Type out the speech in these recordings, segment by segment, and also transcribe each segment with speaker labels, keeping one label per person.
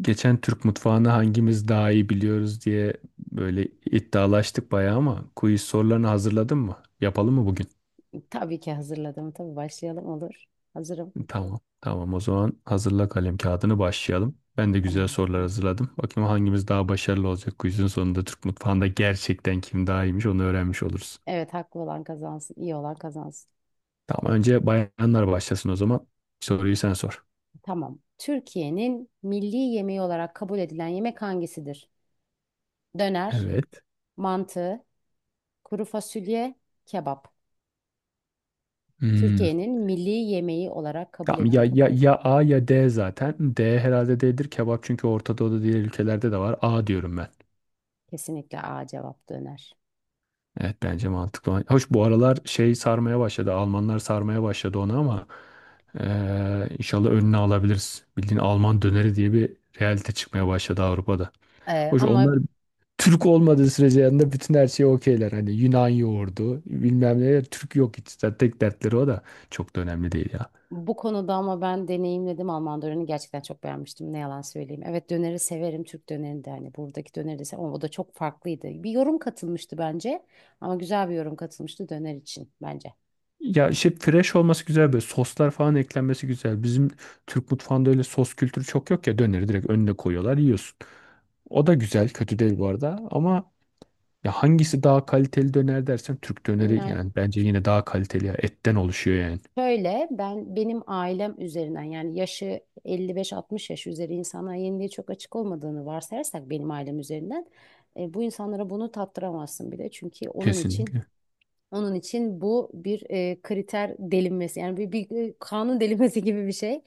Speaker 1: Geçen Türk mutfağını hangimiz daha iyi biliyoruz diye böyle iddialaştık bayağı ama quiz sorularını hazırladın mı? Yapalım mı bugün?
Speaker 2: Tabii ki hazırladım. Tabii başlayalım olur. Hazırım.
Speaker 1: Tamam. Tamam, o zaman hazırla kalem kağıdını, başlayalım. Ben de güzel
Speaker 2: Tamam.
Speaker 1: sorular hazırladım. Bakayım hangimiz daha başarılı olacak quizin sonunda. Türk mutfağında gerçekten kim daha iyiymiş onu öğrenmiş oluruz.
Speaker 2: Evet haklı olan kazansın, iyi olan kazansın.
Speaker 1: Tamam, önce bayanlar başlasın o zaman. Soruyu sen sor.
Speaker 2: Tamam. Türkiye'nin milli yemeği olarak kabul edilen yemek hangisidir? Döner,
Speaker 1: Evet.
Speaker 2: mantı, kuru fasulye, kebap.
Speaker 1: Hmm.
Speaker 2: Türkiye'nin milli yemeği olarak kabul
Speaker 1: Tamam,
Speaker 2: edilen
Speaker 1: ya A ya D zaten. D herhalde, D'dir. Kebap çünkü Orta Doğu'da, diğer ülkelerde de var. A diyorum ben.
Speaker 2: kesinlikle A cevap döner.
Speaker 1: Evet, bence mantıklı olan. Hoş, bu aralar şey sarmaya başladı. Almanlar sarmaya başladı onu, ama inşallah önüne alabiliriz. Bildiğin Alman döneri diye bir realite çıkmaya başladı Avrupa'da. Hoş,
Speaker 2: Ama
Speaker 1: onlar Türk olmadığı sürece yanında bütün her şeyi okeyler. Hani Yunan yoğurdu bilmem ne, Türk yok hiç. Zaten tek dertleri o, da çok da önemli değil ya.
Speaker 2: Bu konuda ama ben deneyimledim Alman dönerini gerçekten çok beğenmiştim, ne yalan söyleyeyim. Evet, döneri severim, Türk dönerini de hani buradaki döneri de ama o da çok farklıydı. Bir yorum katılmıştı bence ama güzel bir yorum katılmıştı döner için bence.
Speaker 1: Ya işte fresh olması güzel, böyle soslar falan eklenmesi güzel. Bizim Türk mutfağında öyle sos kültürü çok yok ya, döneri direkt önüne koyuyorlar, yiyorsun. O da güzel, kötü değil bu arada, ama ya hangisi daha kaliteli döner dersen, Türk döneri
Speaker 2: Yani
Speaker 1: yani, bence yine daha kaliteli, ya etten oluşuyor yani.
Speaker 2: şöyle, ben benim ailem üzerinden, yani yaşı 55-60 yaş üzeri insanlara yeniliğe çok açık olmadığını varsayarsak benim ailem üzerinden bu insanlara bunu tattıramazsın bile çünkü onun için.
Speaker 1: Kesinlikle.
Speaker 2: Onun için bu bir kriter delinmesi, yani bir kanun delinmesi gibi bir şey.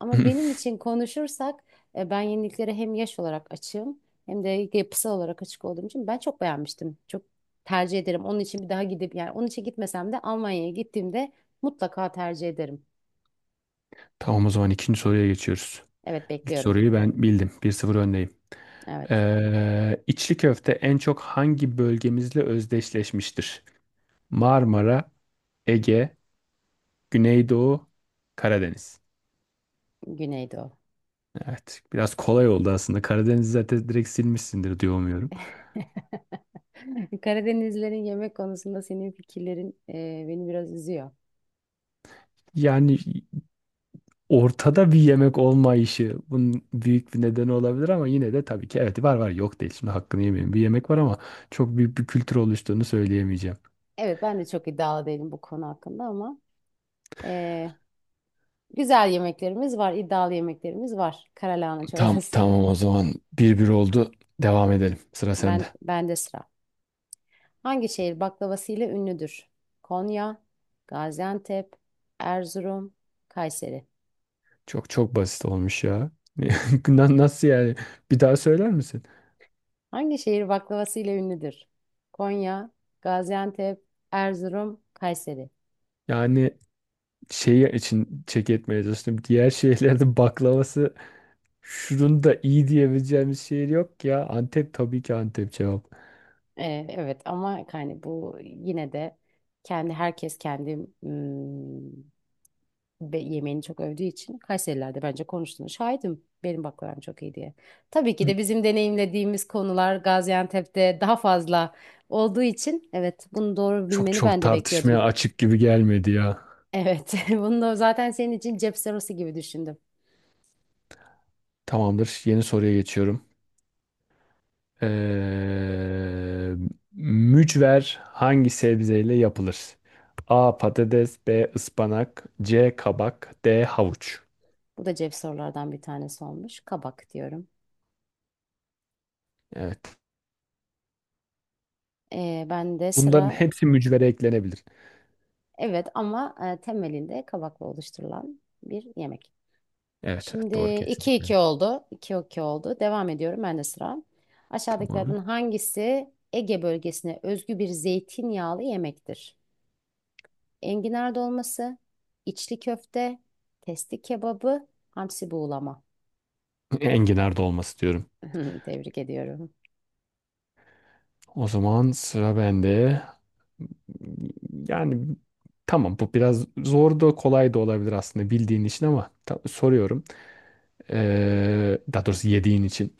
Speaker 2: Ama benim için konuşursak ben yeniliklere hem yaş olarak açığım hem de yapısal olarak açık olduğum için ben çok beğenmiştim. Çok tercih ederim. Onun için bir daha gidip, yani onun için gitmesem de Almanya'ya gittiğimde mutlaka tercih ederim.
Speaker 1: Tamam, o zaman ikinci soruya geçiyoruz.
Speaker 2: Evet,
Speaker 1: İlk
Speaker 2: bekliyorum.
Speaker 1: soruyu ben bildim, bir 0 öndeyim.
Speaker 2: Evet,
Speaker 1: İçli köfte en çok hangi bölgemizle özdeşleşmiştir? Marmara, Ege, Güneydoğu, Karadeniz.
Speaker 2: Güneydoğu.
Speaker 1: Evet, biraz kolay oldu aslında. Karadeniz zaten direkt silmişsindir diye umuyorum.
Speaker 2: Karadenizlerin yemek konusunda senin fikirlerin beni biraz üzüyor.
Speaker 1: Yani ortada bir yemek olmayışı bunun büyük bir nedeni olabilir, ama yine de tabii ki evet, var, var, yok değil. Şimdi hakkını yemeyeyim. Bir yemek var ama çok büyük bir kültür oluştuğunu söyleyemeyeceğim.
Speaker 2: Evet, ben de çok iddialı değilim bu konu hakkında ama... e, Güzel yemeklerimiz var, iddialı yemeklerimiz var. Karalahana
Speaker 1: Tam
Speaker 2: çorbası.
Speaker 1: tamam o zaman 1-1 oldu. Devam edelim. Sıra sende.
Speaker 2: Ben, bende sıra. Hangi şehir baklavasıyla ünlüdür? Konya, Gaziantep, Erzurum, Kayseri.
Speaker 1: Çok çok basit olmuş ya. Nasıl yani? Bir daha söyler misin?
Speaker 2: Hangi şehir baklavasıyla ünlüdür? Konya, Gaziantep, Erzurum, Kayseri.
Speaker 1: Yani şey için çek etmeye çalıştım. Diğer şehirlerde baklavası, şunun da iyi diyebileceğimiz şehir yok ya. Antep, tabii ki Antep cevap.
Speaker 2: Evet ama yani bu yine de kendi, herkes kendi hmm, ve yemeğini çok övdüğü için Kayserililer de bence konuştuğunu şahidim. Benim baklavam çok iyi diye. Tabii ki de bizim deneyimlediğimiz konular Gaziantep'te daha fazla olduğu için evet, bunu doğru
Speaker 1: Çok
Speaker 2: bilmeni
Speaker 1: çok
Speaker 2: ben de
Speaker 1: tartışmaya
Speaker 2: bekliyordum.
Speaker 1: açık gibi gelmedi ya.
Speaker 2: Evet, bunu da zaten senin için cep sorusu gibi düşündüm.
Speaker 1: Tamamdır, yeni soruya geçiyorum. Ee, Mücver hangi sebzeyle yapılır? A. Patates, B. Ispanak, C. Kabak, D. Havuç.
Speaker 2: Bu da cep sorulardan bir tanesi olmuş. Kabak diyorum.
Speaker 1: Evet.
Speaker 2: Ben de
Speaker 1: Bunların
Speaker 2: sıra,
Speaker 1: hepsi mücvere eklenebilir.
Speaker 2: evet ama temelinde kabakla oluşturulan bir yemek.
Speaker 1: Evet, evet, doğru,
Speaker 2: Şimdi iki
Speaker 1: kesinlikle.
Speaker 2: iki oldu. İki 2 oldu. Devam ediyorum. Ben de sıra.
Speaker 1: Tamam.
Speaker 2: Aşağıdakilerden hangisi Ege bölgesine özgü bir zeytinyağlı yemektir? Enginar dolması, içli köfte, testi kebabı, hamsi buğulama.
Speaker 1: Enginar dolması diyorum.
Speaker 2: Tebrik ediyorum.
Speaker 1: O zaman sıra bende. Yani tamam, bu biraz zor da kolay da olabilir aslında, bildiğin için, ama soruyorum. Daha doğrusu yediğin için.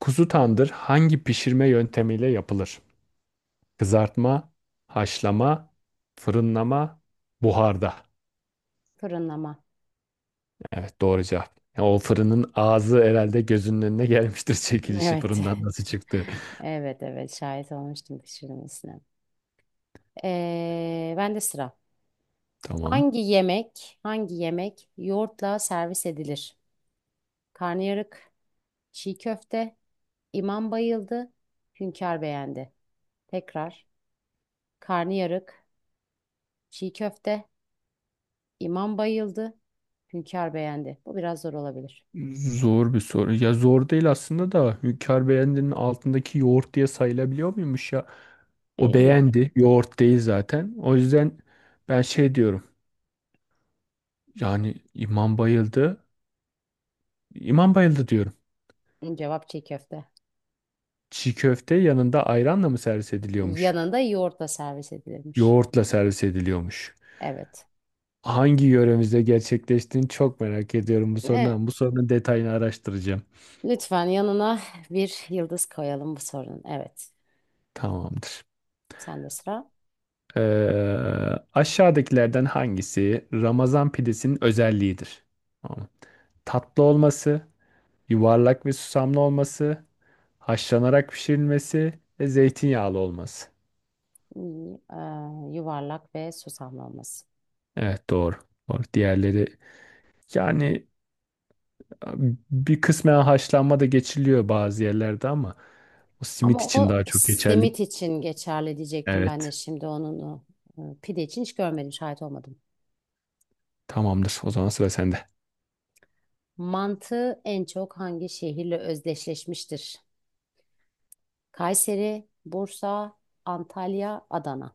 Speaker 1: Kuzu tandır hangi pişirme yöntemiyle yapılır? Kızartma, haşlama, fırınlama, buharda.
Speaker 2: Fırınlama.
Speaker 1: Evet, doğru cevap. Ya o fırının ağzı herhalde gözünün önüne gelmiştir çekilişi,
Speaker 2: Evet.
Speaker 1: fırından nasıl çıktı.
Speaker 2: Evet, şahit olmuştum pişirilmesine. Ben de sıra.
Speaker 1: Tamam.
Speaker 2: Hangi yemek yoğurtla servis edilir? Karnıyarık, çiğ köfte, İmam bayıldı, hünkâr beğendi. Tekrar, karnıyarık, çiğ köfte, imam bayıldı, hünkâr beğendi. Bu biraz zor olabilir.
Speaker 1: Zor bir soru. Ya zor değil aslında da, Hünkar beğendinin altındaki yoğurt diye sayılabiliyor muymuş ya? O
Speaker 2: E, yok.
Speaker 1: beğendi, yoğurt değil zaten. O yüzden ben şey diyorum, yani imam bayıldı. İmam bayıldı diyorum.
Speaker 2: Cevap çiğ köfte.
Speaker 1: Çiğ köfte yanında ayranla mı servis ediliyormuş?
Speaker 2: Yanında yoğurtla servis edilirmiş.
Speaker 1: Yoğurtla servis ediliyormuş.
Speaker 2: Evet.
Speaker 1: Hangi yöremizde gerçekleştiğini çok merak ediyorum bu
Speaker 2: E,
Speaker 1: sorunun. Bu sorunun detayını araştıracağım.
Speaker 2: Lütfen yanına bir yıldız koyalım bu sorunun. Evet.
Speaker 1: Tamamdır.
Speaker 2: Sende sıra.
Speaker 1: Ee, Aşağıdakilerden hangisi Ramazan pidesinin özelliğidir? Tamam. Tatlı olması, yuvarlak ve susamlı olması, haşlanarak pişirilmesi ve zeytinyağlı olması.
Speaker 2: Yuvarlak ve susamlı olması.
Speaker 1: Evet, doğru. Doğru. Diğerleri yani, bir kısmen haşlanma da geçiliyor bazı yerlerde, ama o simit
Speaker 2: Ama
Speaker 1: için
Speaker 2: o
Speaker 1: daha çok geçerli.
Speaker 2: simit için geçerli diyecektim ben de,
Speaker 1: Evet.
Speaker 2: şimdi onun o, pide için hiç görmedim, şahit olmadım.
Speaker 1: Tamamdır, o zaman sıra sende.
Speaker 2: Mantığı en çok hangi şehirle özdeşleşmiştir? Kayseri, Bursa, Antalya, Adana.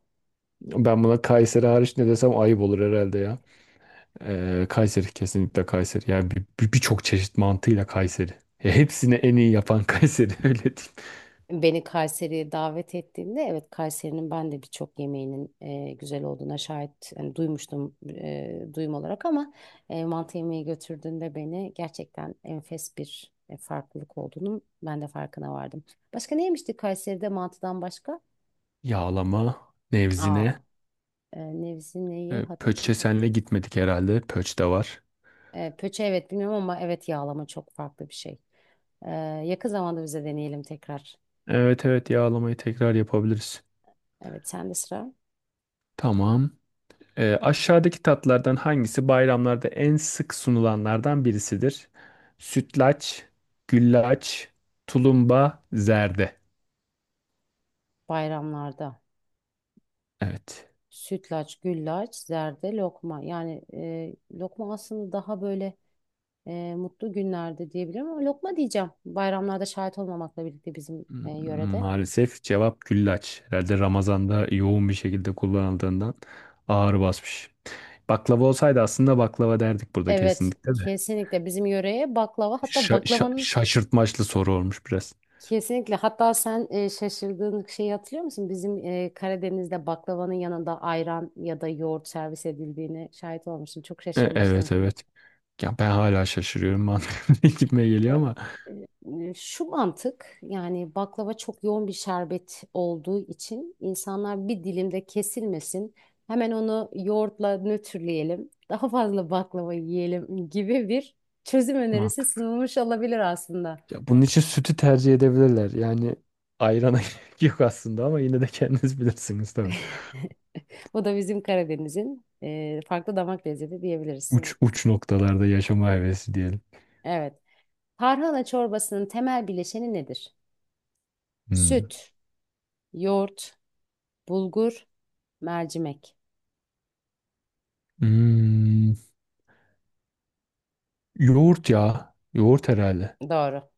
Speaker 1: Ben buna Kayseri hariç ne desem ayıp olur herhalde ya. Kayseri, kesinlikle Kayseri. Yani birçok çeşit mantığıyla Kayseri. Ya hepsini en iyi yapan Kayseri, öyle diyeyim.
Speaker 2: Beni Kayseri'ye davet ettiğinde evet, Kayseri'nin ben de birçok yemeğinin güzel olduğuna şahit, hani duymuştum duyum olarak ama mantı yemeği götürdüğünde beni gerçekten enfes bir farklılık olduğunun ben de farkına vardım. Başka ne yemiştik Kayseri'de mantıdan başka?
Speaker 1: Yağlama,
Speaker 2: Aa,
Speaker 1: nevzine,
Speaker 2: nevzi neyi?
Speaker 1: pöçe, senle gitmedik herhalde. Pöç de var.
Speaker 2: Pöçe evet, bilmiyorum ama evet, yağlama çok farklı bir şey. Ee, Yakın zamanda bize deneyelim tekrar.
Speaker 1: Evet, evet, yağlamayı tekrar yapabiliriz.
Speaker 2: Evet, sen de sıra,
Speaker 1: Tamam. Aşağıdaki tatlardan hangisi bayramlarda en sık sunulanlardan birisidir? Sütlaç, güllaç, tulumba, zerde.
Speaker 2: bayramlarda.
Speaker 1: Evet.
Speaker 2: Sütlaç, güllaç, zerde, lokma. Yani lokma aslında daha böyle mutlu günlerde diyebilirim ama lokma diyeceğim. Bayramlarda şahit olmamakla birlikte bizim yörede.
Speaker 1: Maalesef cevap güllaç. Herhalde Ramazan'da yoğun bir şekilde kullanıldığından ağır basmış. Baklava olsaydı aslında baklava derdik burada
Speaker 2: Evet,
Speaker 1: kesinlikle de.
Speaker 2: kesinlikle bizim yöreye baklava. Hatta baklavanın
Speaker 1: Şaşırtmaçlı soru olmuş biraz.
Speaker 2: kesinlikle. Hatta sen şaşırdığın şeyi hatırlıyor musun? Bizim Karadeniz'de baklavanın yanında ayran ya da yoğurt servis edildiğini şahit olmuştun. Çok şaşırmıştın.
Speaker 1: Evet, evet. Ya ben hala şaşırıyorum, mantıklı gitmeye
Speaker 2: E,
Speaker 1: geliyor ama
Speaker 2: Şu mantık, yani baklava çok yoğun bir şerbet olduğu için, insanlar bir dilimde kesilmesin. Hemen onu yoğurtla nötrleyelim. Daha fazla baklava yiyelim gibi bir çözüm önerisi
Speaker 1: mantıklı.
Speaker 2: sunulmuş olabilir aslında.
Speaker 1: Ya bunun için sütü tercih edebilirler. Yani ayrana gerek yok aslında, ama yine de kendiniz bilirsiniz tabii.
Speaker 2: O da bizim Karadeniz'in farklı damak lezzeti diyebiliriz.
Speaker 1: Uç uç noktalarda yaşama hevesi diyelim.
Speaker 2: Evet. Tarhana çorbasının temel bileşeni nedir?
Speaker 1: Hmm.
Speaker 2: Süt, yoğurt, bulgur, mercimek.
Speaker 1: Hmm, Yoğurt ya. Yoğurt herhalde.
Speaker 2: Doğru.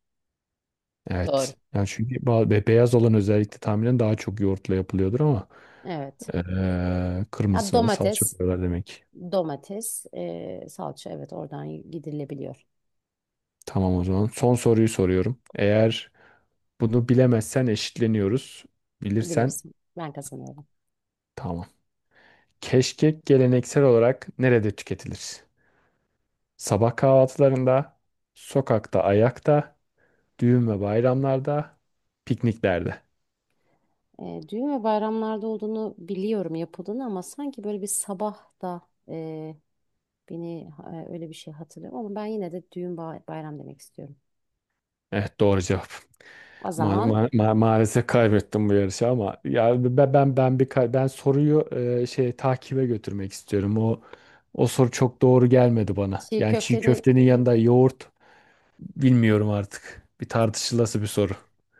Speaker 2: Doğru.
Speaker 1: Evet. Yani çünkü beyaz olan özellikle tahminen daha çok yoğurtla yapılıyordur ama
Speaker 2: Evet. Ya
Speaker 1: kırmızısına da salça
Speaker 2: domates.
Speaker 1: koyuyorlar demek.
Speaker 2: Salça, evet, oradan gidilebiliyor.
Speaker 1: Tamam, o zaman son soruyu soruyorum. Eğer bunu bilemezsen eşitleniyoruz. Bilirsen,
Speaker 2: Bilirsin. Ben kazanıyorum.
Speaker 1: tamam. Keşkek geleneksel olarak nerede tüketilir? Sabah kahvaltılarında, sokakta, ayakta, düğün ve bayramlarda, pikniklerde.
Speaker 2: Düğün ve bayramlarda olduğunu biliyorum yapıldığını, ama sanki böyle bir sabah da e, beni öyle bir şey hatırlıyorum, ama ben yine de bayram demek istiyorum.
Speaker 1: Evet, doğru cevap.
Speaker 2: O zaman
Speaker 1: Maalesef kaybettim bu yarışı, ama ya ben soruyu şey takibe götürmek istiyorum. O o soru çok doğru gelmedi bana.
Speaker 2: çiğ
Speaker 1: Yani çiğ
Speaker 2: köftenin,
Speaker 1: köftenin yanında yoğurt, bilmiyorum artık. Bir tartışılası bir soru.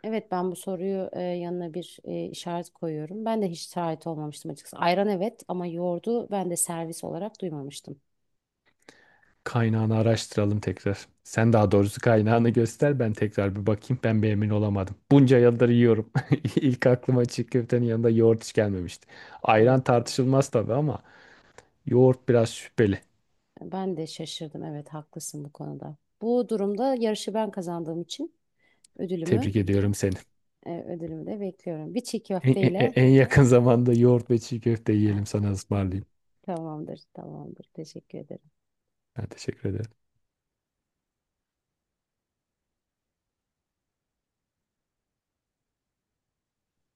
Speaker 2: evet ben bu soruyu yanına bir işaret koyuyorum. Ben de hiç şahit olmamıştım açıkçası. Ayran evet, ama yoğurdu ben de servis olarak duymamıştım.
Speaker 1: Kaynağını araştıralım tekrar. Sen, daha doğrusu, kaynağını göster, ben tekrar bir bakayım. Ben bir emin olamadım. Bunca yıldır yiyorum. İlk aklıma çiğ köftenin yanında yoğurt hiç gelmemişti.
Speaker 2: Evet.
Speaker 1: Ayran tartışılmaz tabii ama yoğurt biraz şüpheli.
Speaker 2: Ben de şaşırdım. Evet, haklısın bu konuda. Bu durumda yarışı ben kazandığım için ödülümü
Speaker 1: Tebrik ediyorum seni.
Speaker 2: ödülümü de bekliyorum. Bir çiğ köfteyle
Speaker 1: En yakın zamanda yoğurt ve çiğ köfte yiyelim, sana ısmarlayayım.
Speaker 2: tamamdır, tamamdır. Teşekkür ederim.
Speaker 1: Ben teşekkür ederim.